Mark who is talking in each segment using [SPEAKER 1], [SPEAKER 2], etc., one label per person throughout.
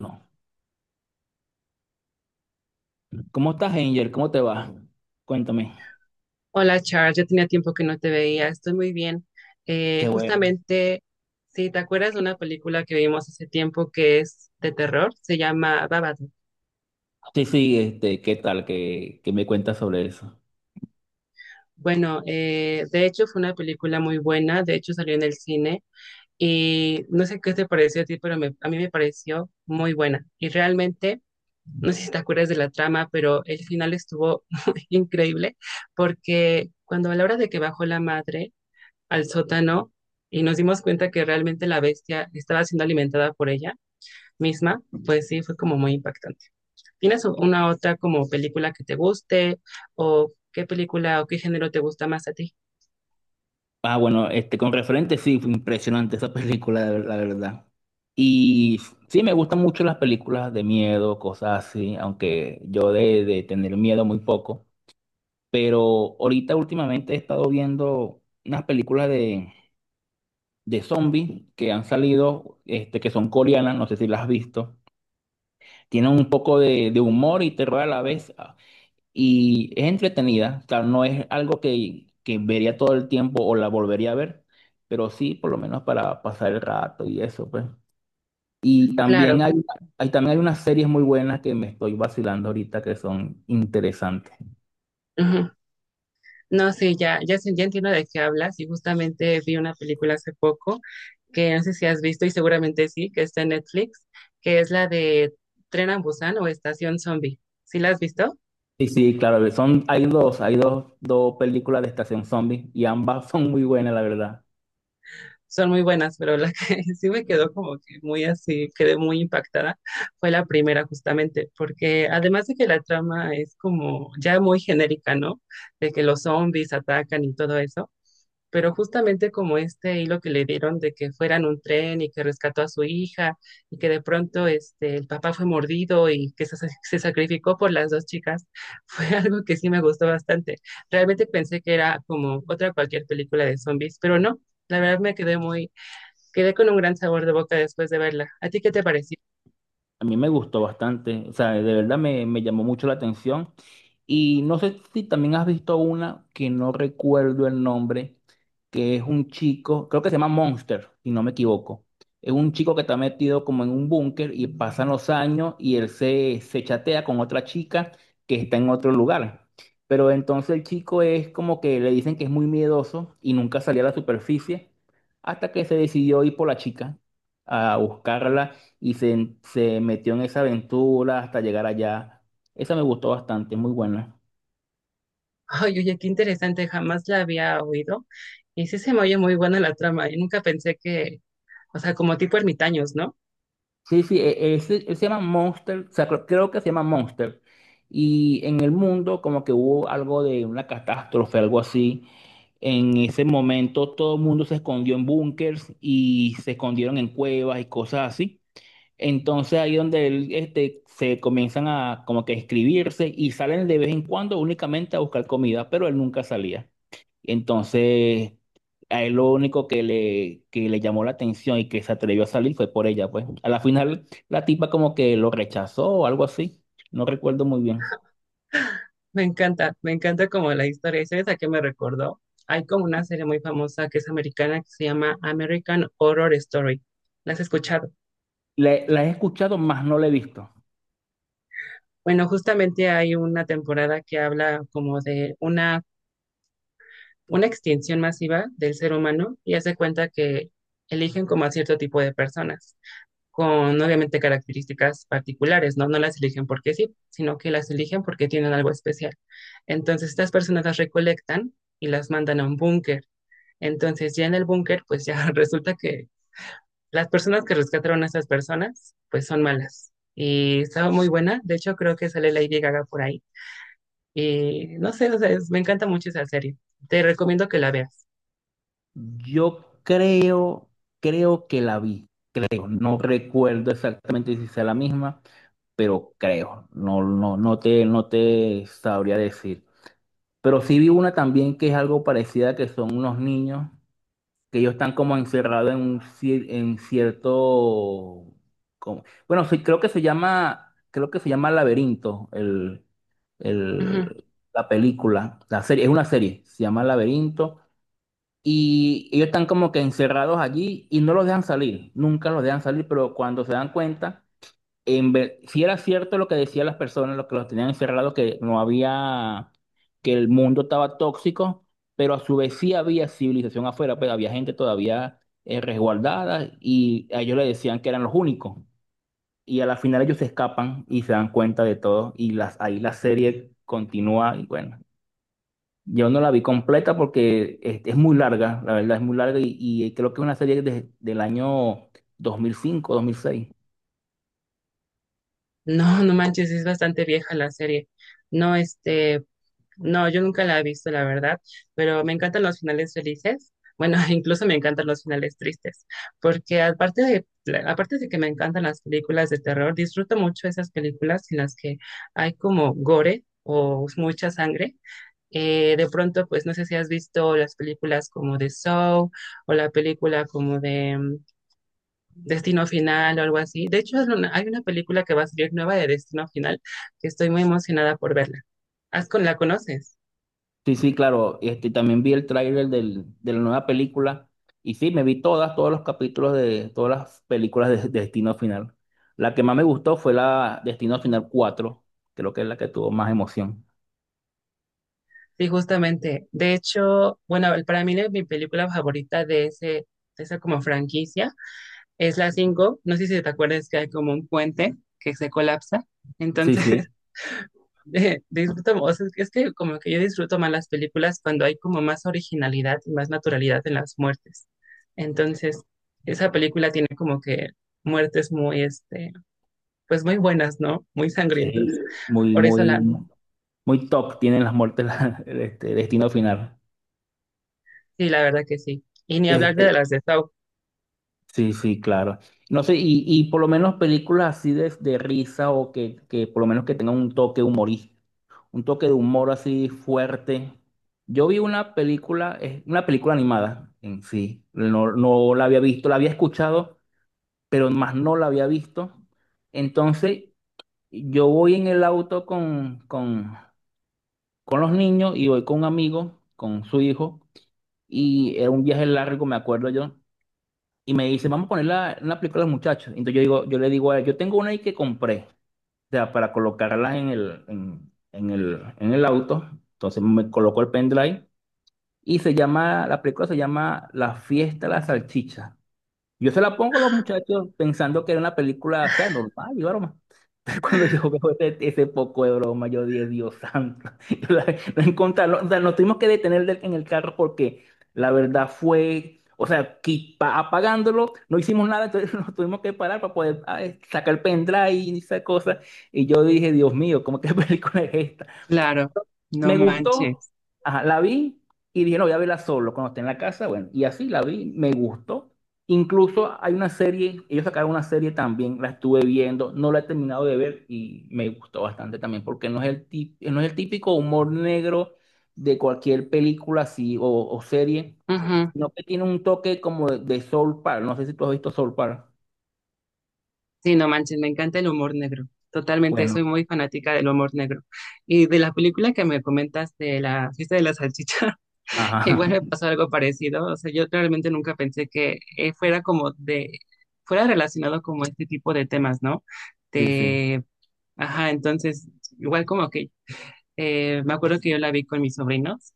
[SPEAKER 1] No. ¿Cómo estás, Angel? ¿Cómo te va? Cuéntame.
[SPEAKER 2] Hola Charles, ya tenía tiempo que no te veía, estoy muy bien.
[SPEAKER 1] Qué bueno.
[SPEAKER 2] Justamente, si te acuerdas de una película que vimos hace tiempo que es de terror, se llama Babadook.
[SPEAKER 1] Sí, sí, ¿qué tal? ¿Qué me cuentas sobre eso?
[SPEAKER 2] Bueno, de hecho fue una película muy buena, de hecho salió en el cine y no sé qué te pareció a ti, pero a mí me pareció muy buena. Y realmente, no sé si te acuerdas de la trama, pero el final estuvo muy increíble porque cuando a la hora de que bajó la madre, al sótano y nos dimos cuenta que realmente la bestia estaba siendo alimentada por ella misma, pues sí, fue como muy impactante. ¿Tienes una otra como película que te guste o qué película o qué género te gusta más a ti?
[SPEAKER 1] Ah, bueno, con referente, sí, fue impresionante esa película, la verdad. Y sí, me gustan mucho las películas de miedo, cosas así, aunque yo de tener miedo muy poco. Pero ahorita últimamente he estado viendo unas películas de zombies que han salido, que son coreanas, no sé si las has visto. Tienen un poco de humor y terror a la vez. Y es entretenida. Claro, no es algo que vería todo el tiempo o la volvería a ver, pero sí, por lo menos para pasar el rato y eso, pues. Y también
[SPEAKER 2] Claro.
[SPEAKER 1] también hay unas series muy buenas que me estoy vacilando ahorita que son interesantes.
[SPEAKER 2] Ujú. No, sí, ya, ya, ya entiendo de qué hablas y justamente vi una película hace poco que no sé si has visto y seguramente sí, que está en Netflix, que es la de Tren a Busan o Estación Zombie. ¿Sí la has visto?
[SPEAKER 1] Sí, sí, claro, son, hay dos películas de Estación Zombie y ambas son muy buenas, la verdad.
[SPEAKER 2] Son muy buenas, pero la que sí me quedó como que muy así, quedé muy impactada, fue la primera justamente, porque además de que la trama es como ya muy genérica, ¿no? De que los zombies atacan y todo eso, pero justamente como este hilo que le dieron de que fueran un tren y que rescató a su hija y que de pronto este, el papá fue mordido y que se sacrificó por las dos chicas, fue algo que sí me gustó bastante. Realmente pensé que era como otra cualquier película de zombies, pero no. La verdad me quedé muy. Quedé con un gran sabor de boca después de verla. ¿A ti qué te pareció?
[SPEAKER 1] A mí me gustó bastante, o sea, de verdad me llamó mucho la atención. Y no sé si también has visto una que no recuerdo el nombre, que es un chico, creo que se llama Monster, si no me equivoco. Es un chico que está metido como en un búnker y pasan los años y él se chatea con otra chica que está en otro lugar. Pero entonces el chico es como que le dicen que es muy miedoso y nunca salía a la superficie hasta que se decidió ir por la chica a buscarla y se metió en esa aventura hasta llegar allá. Esa me gustó bastante, muy buena.
[SPEAKER 2] Ay, oye, qué interesante, jamás la había oído. Y sí se me oye muy buena la trama. Y nunca pensé que, o sea, como tipo ermitaños, ¿no?
[SPEAKER 1] Sí, sí, él, se llama Monster, o sea, creo que se llama Monster. Y en el mundo como que hubo algo de una catástrofe, algo así. En ese momento todo el mundo se escondió en búnkers y se escondieron en cuevas y cosas así. Entonces ahí donde él, se comienzan a como que escribirse y salen de vez en cuando únicamente a buscar comida, pero él nunca salía. Entonces, a él lo único que le llamó la atención y que se atrevió a salir fue por ella, pues. A la final, la tipa como que lo rechazó o algo así. No recuerdo muy bien.
[SPEAKER 2] Me encanta como la historia. ¿Y sabes a qué me recordó? Hay como una serie muy famosa que es americana que se llama American Horror Story. ¿La has escuchado?
[SPEAKER 1] La he escuchado, más no la he visto.
[SPEAKER 2] Bueno, justamente hay una temporada que habla como de una extinción masiva del ser humano y hace cuenta que eligen como a cierto tipo de personas, con obviamente características particulares, ¿no? No las eligen porque sí, sino que las eligen porque tienen algo especial. Entonces, estas personas las recolectan y las mandan a un búnker. Entonces, ya en el búnker, pues ya resulta que las personas que rescataron a estas personas, pues son malas. Y estaba muy buena, de hecho creo que sale Lady Gaga por ahí. Y no sé, o sea, me encanta mucho esa serie. Te recomiendo que la veas.
[SPEAKER 1] Yo creo, creo que la vi. Creo, no recuerdo exactamente si sea la misma, pero creo. No, no, no te sabría decir. Pero sí vi una también que es algo parecida, que son unos niños que ellos están como encerrados en en cierto, como- bueno, sí, creo que se llama Laberinto,
[SPEAKER 2] Ujú.
[SPEAKER 1] el- la película, la serie, es una serie, se llama Laberinto, y ellos están como que encerrados allí y no los dejan salir, nunca los dejan salir, pero cuando se dan cuenta si era cierto lo que decían las personas, lo que los tenían encerrados, que no había, que el mundo estaba tóxico, pero a su vez sí había civilización afuera, pero había gente todavía resguardada y a ellos le decían que eran los únicos. Y a la final ellos se escapan y se dan cuenta de todo y las, ahí la serie continúa y bueno. Yo no la vi completa porque es muy larga, la verdad es muy larga y creo que es una serie del año dos mil cinco, dos mil seis.
[SPEAKER 2] No, no manches, es bastante vieja la serie. No, este, no, yo nunca la he visto, la verdad, pero me encantan los finales felices. Bueno, incluso me encantan los finales tristes, porque aparte de que me encantan las películas de terror, disfruto mucho esas películas en las que hay como gore o mucha sangre. De pronto, pues no sé si has visto las películas como de Saw o la película como de Destino Final o algo así. De hecho, hay una película que va a salir nueva de Destino Final que estoy muy emocionada por verla. ¿Has con la conoces?
[SPEAKER 1] Sí, sí, claro. Este, también vi el tráiler de la nueva película y sí, me vi todas, todos los capítulos de todas las películas de Destino Final. La que más me gustó fue la Destino Final 4, creo que es la que tuvo más emoción.
[SPEAKER 2] Sí, justamente. De hecho, bueno, para mí mi película favorita de ese, de esa como franquicia es la 5. No sé si te acuerdas que hay como un puente que se colapsa.
[SPEAKER 1] Sí,
[SPEAKER 2] Entonces,
[SPEAKER 1] sí,
[SPEAKER 2] disfruto, o sea, es que como que yo disfruto más las películas cuando hay como más originalidad y más naturalidad en las muertes. Entonces, esa película tiene como que muertes muy, este, pues muy buenas, ¿no? Muy
[SPEAKER 1] sí,
[SPEAKER 2] sangrientas.
[SPEAKER 1] muy,
[SPEAKER 2] Por eso
[SPEAKER 1] muy,
[SPEAKER 2] la,
[SPEAKER 1] muy top tienen las muertes Destino Final.
[SPEAKER 2] sí, la verdad que sí. Y ni hablar
[SPEAKER 1] Este,
[SPEAKER 2] de las de Saw.
[SPEAKER 1] sí, sí, claro. No sé, y por lo menos películas así de risa o que por lo menos que tengan un toque humorístico. Un toque de humor así fuerte. Yo vi una película, es una película animada en sí, no, no la había visto, la había escuchado, pero más no la había visto. Entonces, yo voy en el auto con los niños y voy con un amigo, con su hijo, y era un viaje largo, me acuerdo yo, y me dice, vamos a poner la, una película de los muchachos. Entonces yo digo, yo le digo a él, yo tengo una ahí que compré sea, para colocarlas en el auto. Entonces me colocó el pendrive y se llama, la película se llama La fiesta de la salchicha. Yo se la pongo a los muchachos pensando que era una película, o sea, normal y broma. Pero cuando yo veo ese poco de broma, yo dije, Dios santo. La o sea, nos tuvimos que detener en el carro porque la verdad fue, o sea, apagándolo, no hicimos nada, entonces nos tuvimos que parar para poder sacar el pendrive y esa cosa. Y yo dije, Dios mío, ¿cómo qué película es esta?
[SPEAKER 2] Claro, no
[SPEAKER 1] Me gustó,
[SPEAKER 2] manches.
[SPEAKER 1] ajá, la vi y dije, no, voy a verla solo cuando esté en la casa, bueno, y así la vi, me gustó. Incluso hay una serie, ellos sacaron una serie también, la estuve viendo, no la he terminado de ver y me gustó bastante también, porque no es no es el típico humor negro de cualquier película así o serie,
[SPEAKER 2] Ujú.
[SPEAKER 1] sino que tiene un toque como de Soul Park, no sé si tú has visto Soul Park.
[SPEAKER 2] Sí, no manches, me encanta el humor negro. Totalmente,
[SPEAKER 1] Bueno,
[SPEAKER 2] soy muy fanática del humor negro. Y de la película que me comentas de la fiesta de la salchicha,
[SPEAKER 1] ajá,
[SPEAKER 2] igual me pasó algo parecido. O sea, yo realmente nunca pensé que fuera como de, fuera relacionado como este tipo de temas, ¿no?
[SPEAKER 1] sí, sí,
[SPEAKER 2] De, ajá, entonces, igual como que, me acuerdo que yo la vi con mis sobrinos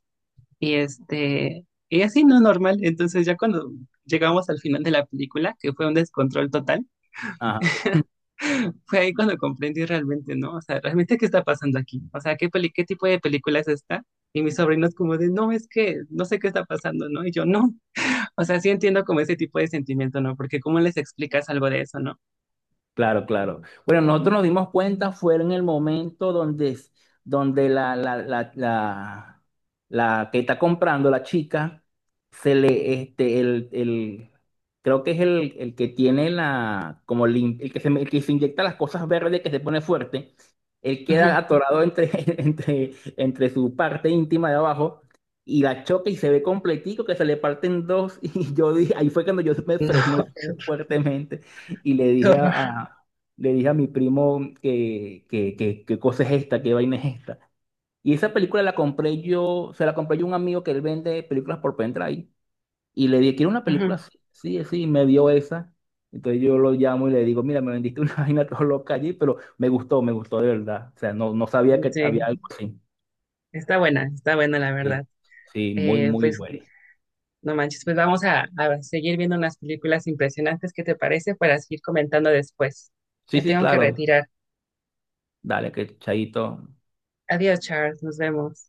[SPEAKER 2] y este, y así no normal. Entonces ya cuando llegamos al final de la película, que fue un descontrol total,
[SPEAKER 1] ajá.
[SPEAKER 2] fue ahí cuando comprendí realmente, ¿no? O sea, realmente qué está pasando aquí. O sea, ¿qué qué tipo de película es esta? Y mis sobrinos como de, no, es que no sé qué está pasando, ¿no? Y yo, no. O sea, sí entiendo como ese tipo de sentimiento, ¿no? Porque ¿cómo les explicas algo de eso, no?
[SPEAKER 1] Claro, claro. Bueno, nosotros nos dimos cuenta fue en el momento donde, donde la que está comprando, la chica, se le, este, el, el, el que tiene la, el el que se inyecta las cosas verdes, que se pone fuerte, él queda
[SPEAKER 2] Ujú.
[SPEAKER 1] atorado entre, entre, entre su parte íntima de abajo y la choca y se ve completico que se le parten dos y yo dije, ahí fue cuando yo me frené
[SPEAKER 2] No,
[SPEAKER 1] fuertemente. Y
[SPEAKER 2] qué horror.
[SPEAKER 1] a- le dije a mi primo qué cosa es esta, qué vaina es esta. Y esa película la compré yo, se la compré yo a un amigo que él vende películas por pendrive. Y le dije, quiero una película
[SPEAKER 2] Ujú.
[SPEAKER 1] así, sí, así, y me dio esa. Entonces yo lo llamo y le digo, mira, me vendiste una vaina todo loca allí, pero me gustó de verdad. O sea, no, no sabía que había
[SPEAKER 2] Sí,
[SPEAKER 1] algo así.
[SPEAKER 2] está buena la
[SPEAKER 1] Sí,
[SPEAKER 2] verdad.
[SPEAKER 1] sí, muy,
[SPEAKER 2] Eh,
[SPEAKER 1] muy
[SPEAKER 2] pues
[SPEAKER 1] bueno.
[SPEAKER 2] no manches, pues vamos a seguir viendo unas películas impresionantes. ¿Qué te parece? Para seguir comentando después.
[SPEAKER 1] Sí,
[SPEAKER 2] Me
[SPEAKER 1] sí,
[SPEAKER 2] tengo que
[SPEAKER 1] claro.
[SPEAKER 2] retirar.
[SPEAKER 1] Dale, que chaito.
[SPEAKER 2] Adiós, Charles. Nos vemos.